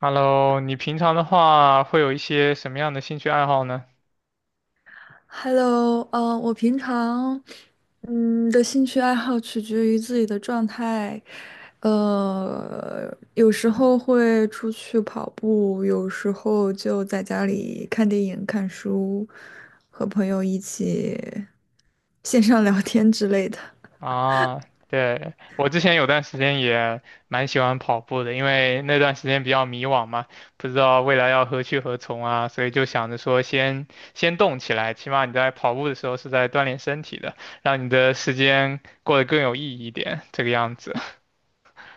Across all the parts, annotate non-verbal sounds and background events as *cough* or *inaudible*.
Hello，你平常的话会有一些什么样的兴趣爱好呢？Hello，我平常的兴趣爱好取决于自己的状态，有时候会出去跑步，有时候就在家里看电影、看书，和朋友一起线上聊天之类的。啊，对，我之前有段时间也蛮喜欢跑步的，因为那段时间比较迷惘嘛，不知道未来要何去何从啊，所以就想着说先动起来，起码你在跑步的时候是在锻炼身体的，让你的时间过得更有意义一点，这个样子。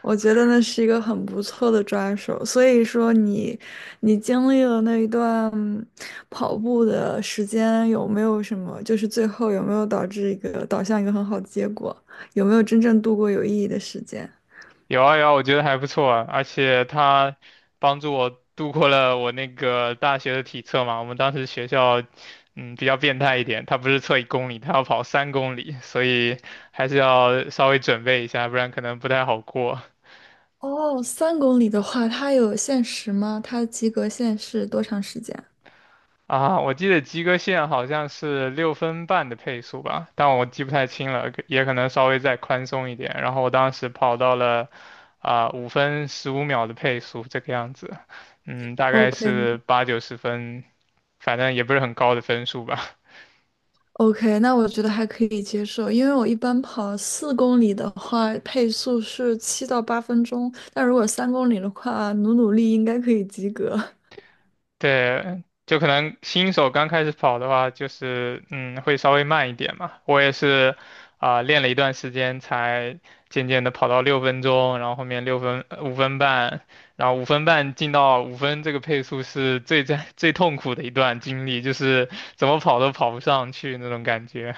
我觉得那是一个很不错的抓手，所以说你，你经历了那一段跑步的时间，有没有什么，就是最后有没有导向一个很好的结果？有没有真正度过有意义的时间？有啊有啊，我觉得还不错啊，而且他帮助我度过了我那个大学的体测嘛。我们当时学校，比较变态一点，他不是测1公里，他要跑3公里，所以还是要稍微准备一下，不然可能不太好过。哦，三公里的话，它有限时吗？它及格线是多长时间？啊，我记得及格线好像是6分半的配速吧，但我记不太清了，可也可能稍微再宽松一点。然后我当时跑到了5分15秒的配速这个样子，大概 OK，是八九十分，反正也不是很高的分数吧。OK，那我觉得还可以接受，因为我一般跑四公里的话，配速是七到八分钟，但如果三公里的话，努努力应该可以及格。对，就可能新手刚开始跑的话，就是会稍微慢一点嘛。我也是练了一段时间，才渐渐的跑到6分钟，然后后面六分五分半，然后五分半进到五分这个配速是*laughs* 最痛苦的一段经历，就是怎么跑都跑不上去那种感觉。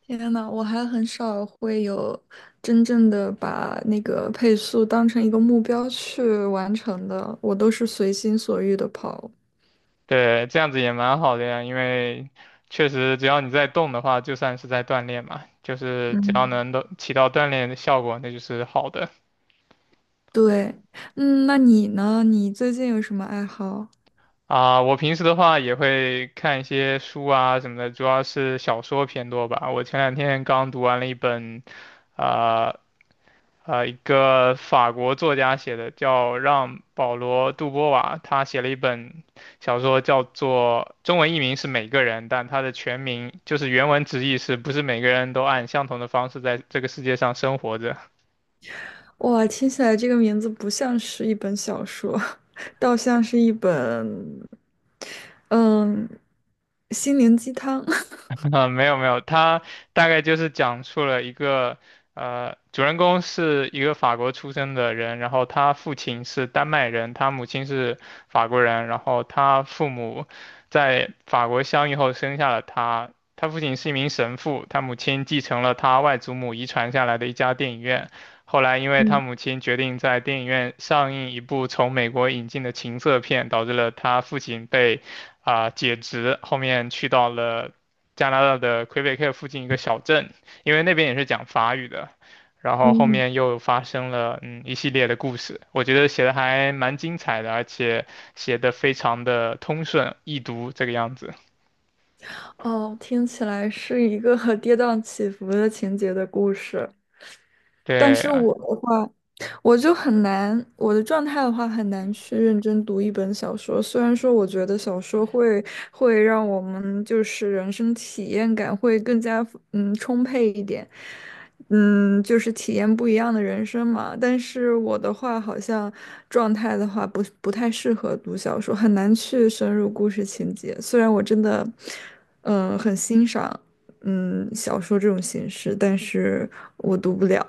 天呐，我还很少会有真正的把那个配速当成一个目标去完成的，我都是随心所欲的跑。对，这样子也蛮好的呀，因为确实只要你在动的话，就算是在锻炼嘛，就是只要嗯。能都起到锻炼的效果，那就是好的。对，嗯，那你呢？你最近有什么爱好？啊，我平时的话也会看一些书啊什么的，主要是小说偏多吧。我前两天刚读完了一本，啊、一个法国作家写的，叫让·保罗·杜波瓦，他写了一本小说，叫做中文译名是《每个人》，但他的全名就是原文直译是不是每个人都按相同的方式在这个世界上生活着。哇，听起来这个名字不像是一本小说。倒像是一本，嗯，心灵鸡汤。*laughs* *laughs* 啊，没有没有，他大概就是讲述了一个，主人公是一个法国出生的人，然后他父亲是丹麦人，他母亲是法国人，然后他父母在法国相遇后生下了他，他父亲是一名神父，他母亲继承了他外祖母遗传下来的一家电影院，后来因为他嗯母亲决定在电影院上映一部从美国引进的情色片，导致了他父亲被解职，后面去到了加拿大的魁北克附近一个小镇，因为那边也是讲法语的。然后后嗯面又发生了一系列的故事，我觉得写的还蛮精彩的，而且写的非常的通顺易读这个样子。哦，听起来是一个 *laughs* 跌宕起伏的情节的故事。但对，是啊我的话，我就很难，我的状态的话很难去认真读一本小说。虽然说我觉得小说会让我们就是人生体验感会更加充沛一点，嗯，就是体验不一样的人生嘛。但是我的话好像状态的话不太适合读小说，很难去深入故事情节。虽然我真的很欣赏小说这种形式，但是我读不了。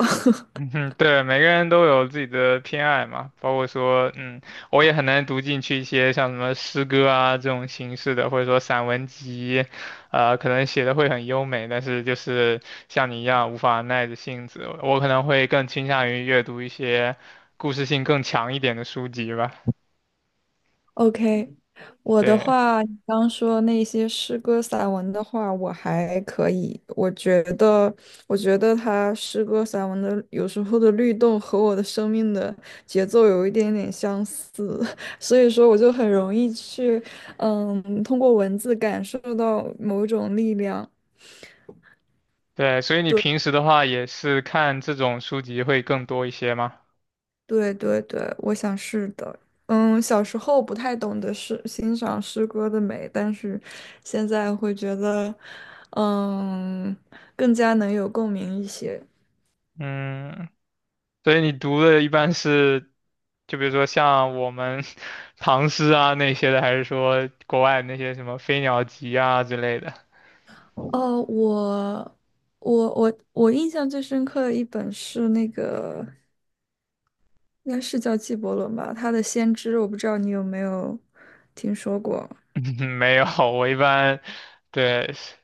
嗯哼，对，每个人都有自己的偏爱嘛，包括说，我也很难读进去一些像什么诗歌啊这种形式的，或者说散文集，可能写的会很优美，但是就是像你一样无法耐着性子，我可能会更倾向于阅读一些故事性更强一点的书籍吧。OK，我的对，话，你刚说那些诗歌散文的话，我还可以。我觉得，我觉得他诗歌散文的有时候的律动和我的生命的节奏有一点点相似，*laughs* 所以说我就很容易去，嗯，通过文字感受到某种力量。对，所以你对。平时的话也是看这种书籍会更多一些吗？对对对，我想是的。嗯，小时候不太懂得欣赏诗歌的美，但是现在会觉得，嗯，更加能有共鸣一些。嗯，所以你读的一般是。就比如说像我们 *laughs* 唐诗啊那些的，还是说国外那些什么《飞鸟集》啊之类的？哦，我印象最深刻的一本是那个，应该是叫纪伯伦吧，他的《先知》，我不知道你有没有听说过。*laughs* 没有，我一般对诗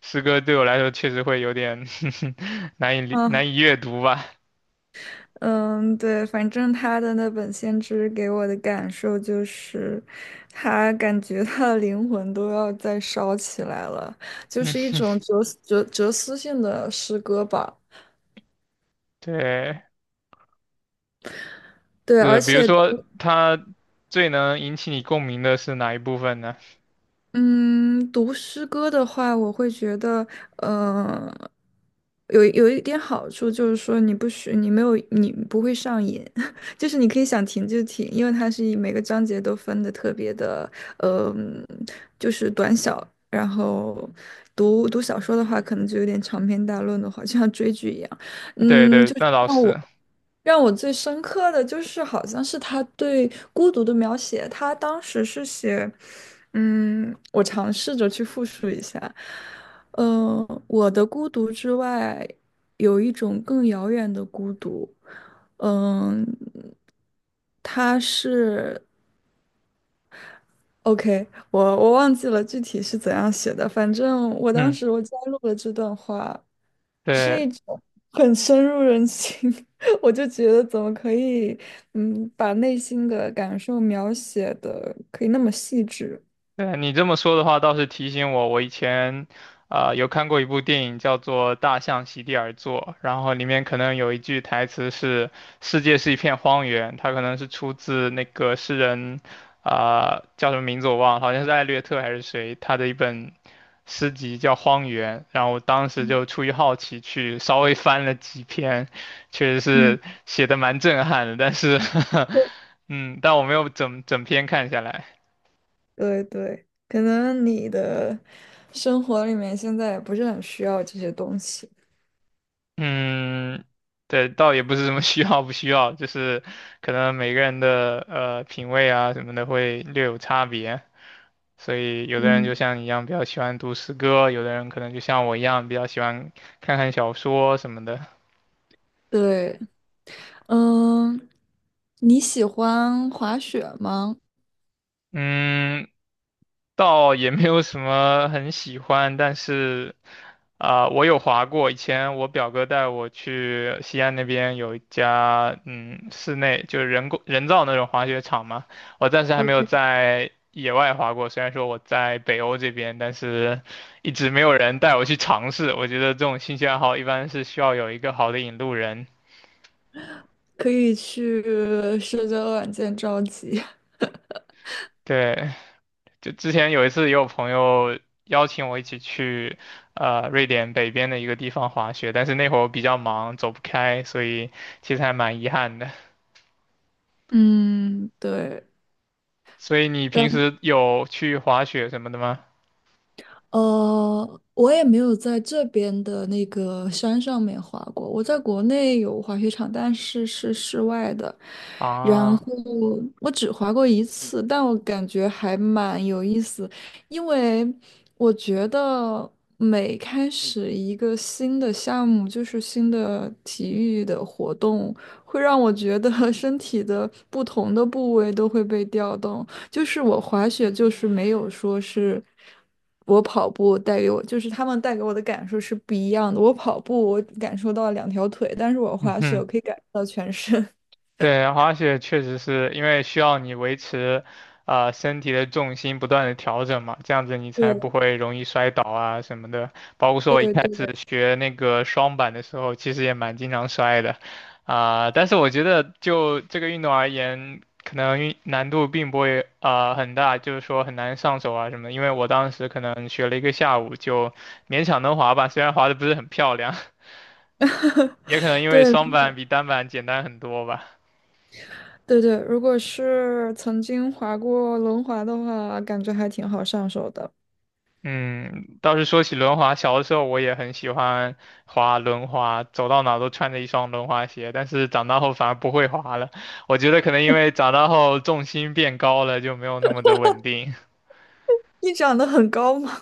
诗歌对我来说确实会有点 *laughs* 啊。难以阅读吧。嗯，对，反正他的那本《先知》给我的感受就是，他感觉他的灵魂都要再烧起来了，就是一种哲思性的诗歌吧。对，对，而比如且说读它最能引起你共鸣的是哪一部分呢？嗯，读诗歌的话，我会觉得，呃，有一点好处就是说，你不许你没有你不会上瘾，*laughs* 就是你可以想停就停，因为它是以每个章节都分的特别的，呃，就是短小。然后读小说的话，可能就有点长篇大论的话，就像追剧一样。*laughs* 对嗯，对，那倒是，让我最深刻的就是，好像是他对孤独的描写。他当时是写，嗯，我尝试着去复述一下，嗯，我的孤独之外，有一种更遥远的孤独。嗯，他是 OK，我忘记了具体是怎样写的，反正我当嗯，时我加入了这段话，是对。一种很深入人心，*laughs* 我就觉得怎么可以，嗯，把内心的感受描写的可以那么细致。对，你这么说的话，倒是提醒我，我以前有看过一部电影叫做《大象席地而坐》，然后里面可能有一句台词是“世界是一片荒原”，它可能是出自那个诗人叫什么名字我忘了，好像是艾略特还是谁，他的一本诗集叫《荒原》，然后我当时就出于好奇去稍微翻了几篇，确实嗯，是写的蛮震撼的，但是 对 *laughs* 嗯，但我没有整整篇看下来。对对，可能你的生活里面现在也不是很需要这些东西。嗯，对，倒也不是什么 *laughs* 需要不需要，就是可能每个人的品味啊什么的会略有差别，所以有的人就嗯，像你一样比较喜欢读诗歌，有的人可能就像我一样比较喜欢看看小说什么的。对，嗯，你喜欢滑雪吗？嗯，倒也没有什么很喜欢，但是我有滑过。以前我表哥带我去西安那边有一家室内就是人造那种滑雪场嘛，我暂时还 o 没有 k 在野外滑过。虽然说我在北欧这边，但是一直没有人带我去尝试。我觉得这种兴趣爱好一般是需要有一个好的引路人。可以去社交软件召集。对，就之前有一次，也有朋友邀请我一起去，瑞典北边的一个地方滑雪，但是那会儿我比较忙，走不开，所以其实还蛮遗憾的。嗯，对，所以你但平时有去滑雪什么的吗？我也没有在这边的那个山上面滑过。我在国内有滑雪场，但是是室外的。然后啊，我只滑过一次，但我感觉还蛮有意思，因为我觉得每开始一个新的项目，就是新的体育的活动，会让我觉得 *laughs* 身体的不同的部位都会被调动。就是我滑雪就是没有说是我跑步带给我，就是他们带给我的感受是不一样的。我跑步我感受到了两条腿，但是我嗯滑雪哼。我可以感受到全身。*laughs* 对，滑雪确实是因为需要你维持，身体的重心不断的调整嘛，这样子你才不对会容易摔倒啊什么的。包括说我一对开始对学那个双板的时候，其实也蛮经常摔的，但是我觉得就这个运动而言，可能难度并不会很大，就是说很难上手啊什么的。因为我当时可能学了一个下午，就勉强能滑吧，虽然滑的不是很漂亮，*laughs* 也可能因为双对板比单板简单很多吧。对，如果是曾经滑过轮滑的话，感觉还挺好上手的。嗯，倒是说起轮滑，小的时候我也很喜欢滑轮滑，走到哪都穿着一双轮滑鞋。但是长大后反而不会滑了，我觉得可能因为长大后重心变高了，就没有那么的稳定。*laughs* 你长得很高吗？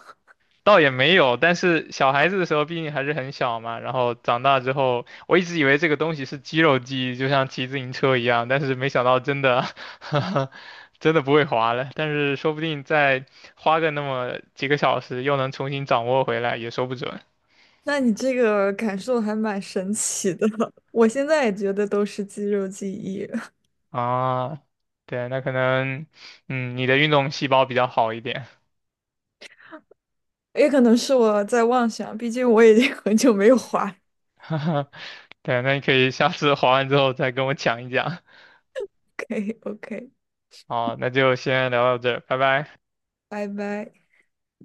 倒也没有，但是小孩子的时候毕竟还是很小嘛，然后长大之后，我一直以为这个东西是肌肉记忆，就像骑自行车一样，但是没想到真的，*laughs* 真的不会滑了。但是说不定再花个那么几个小时，又能重新掌握回来，也说不准。*laughs* 那你这个感受还蛮神奇的。*laughs* 我现在也觉得都是肌肉记忆，啊，对，那可能，你的运动细胞比较好一点，也可能是我在妄想，毕竟我已经很久没有滑 *laughs* 哈哈，对，那你可以下次滑完之后再跟我讲一讲。OK OK，好，那就先聊到这儿，拜拜。拜拜。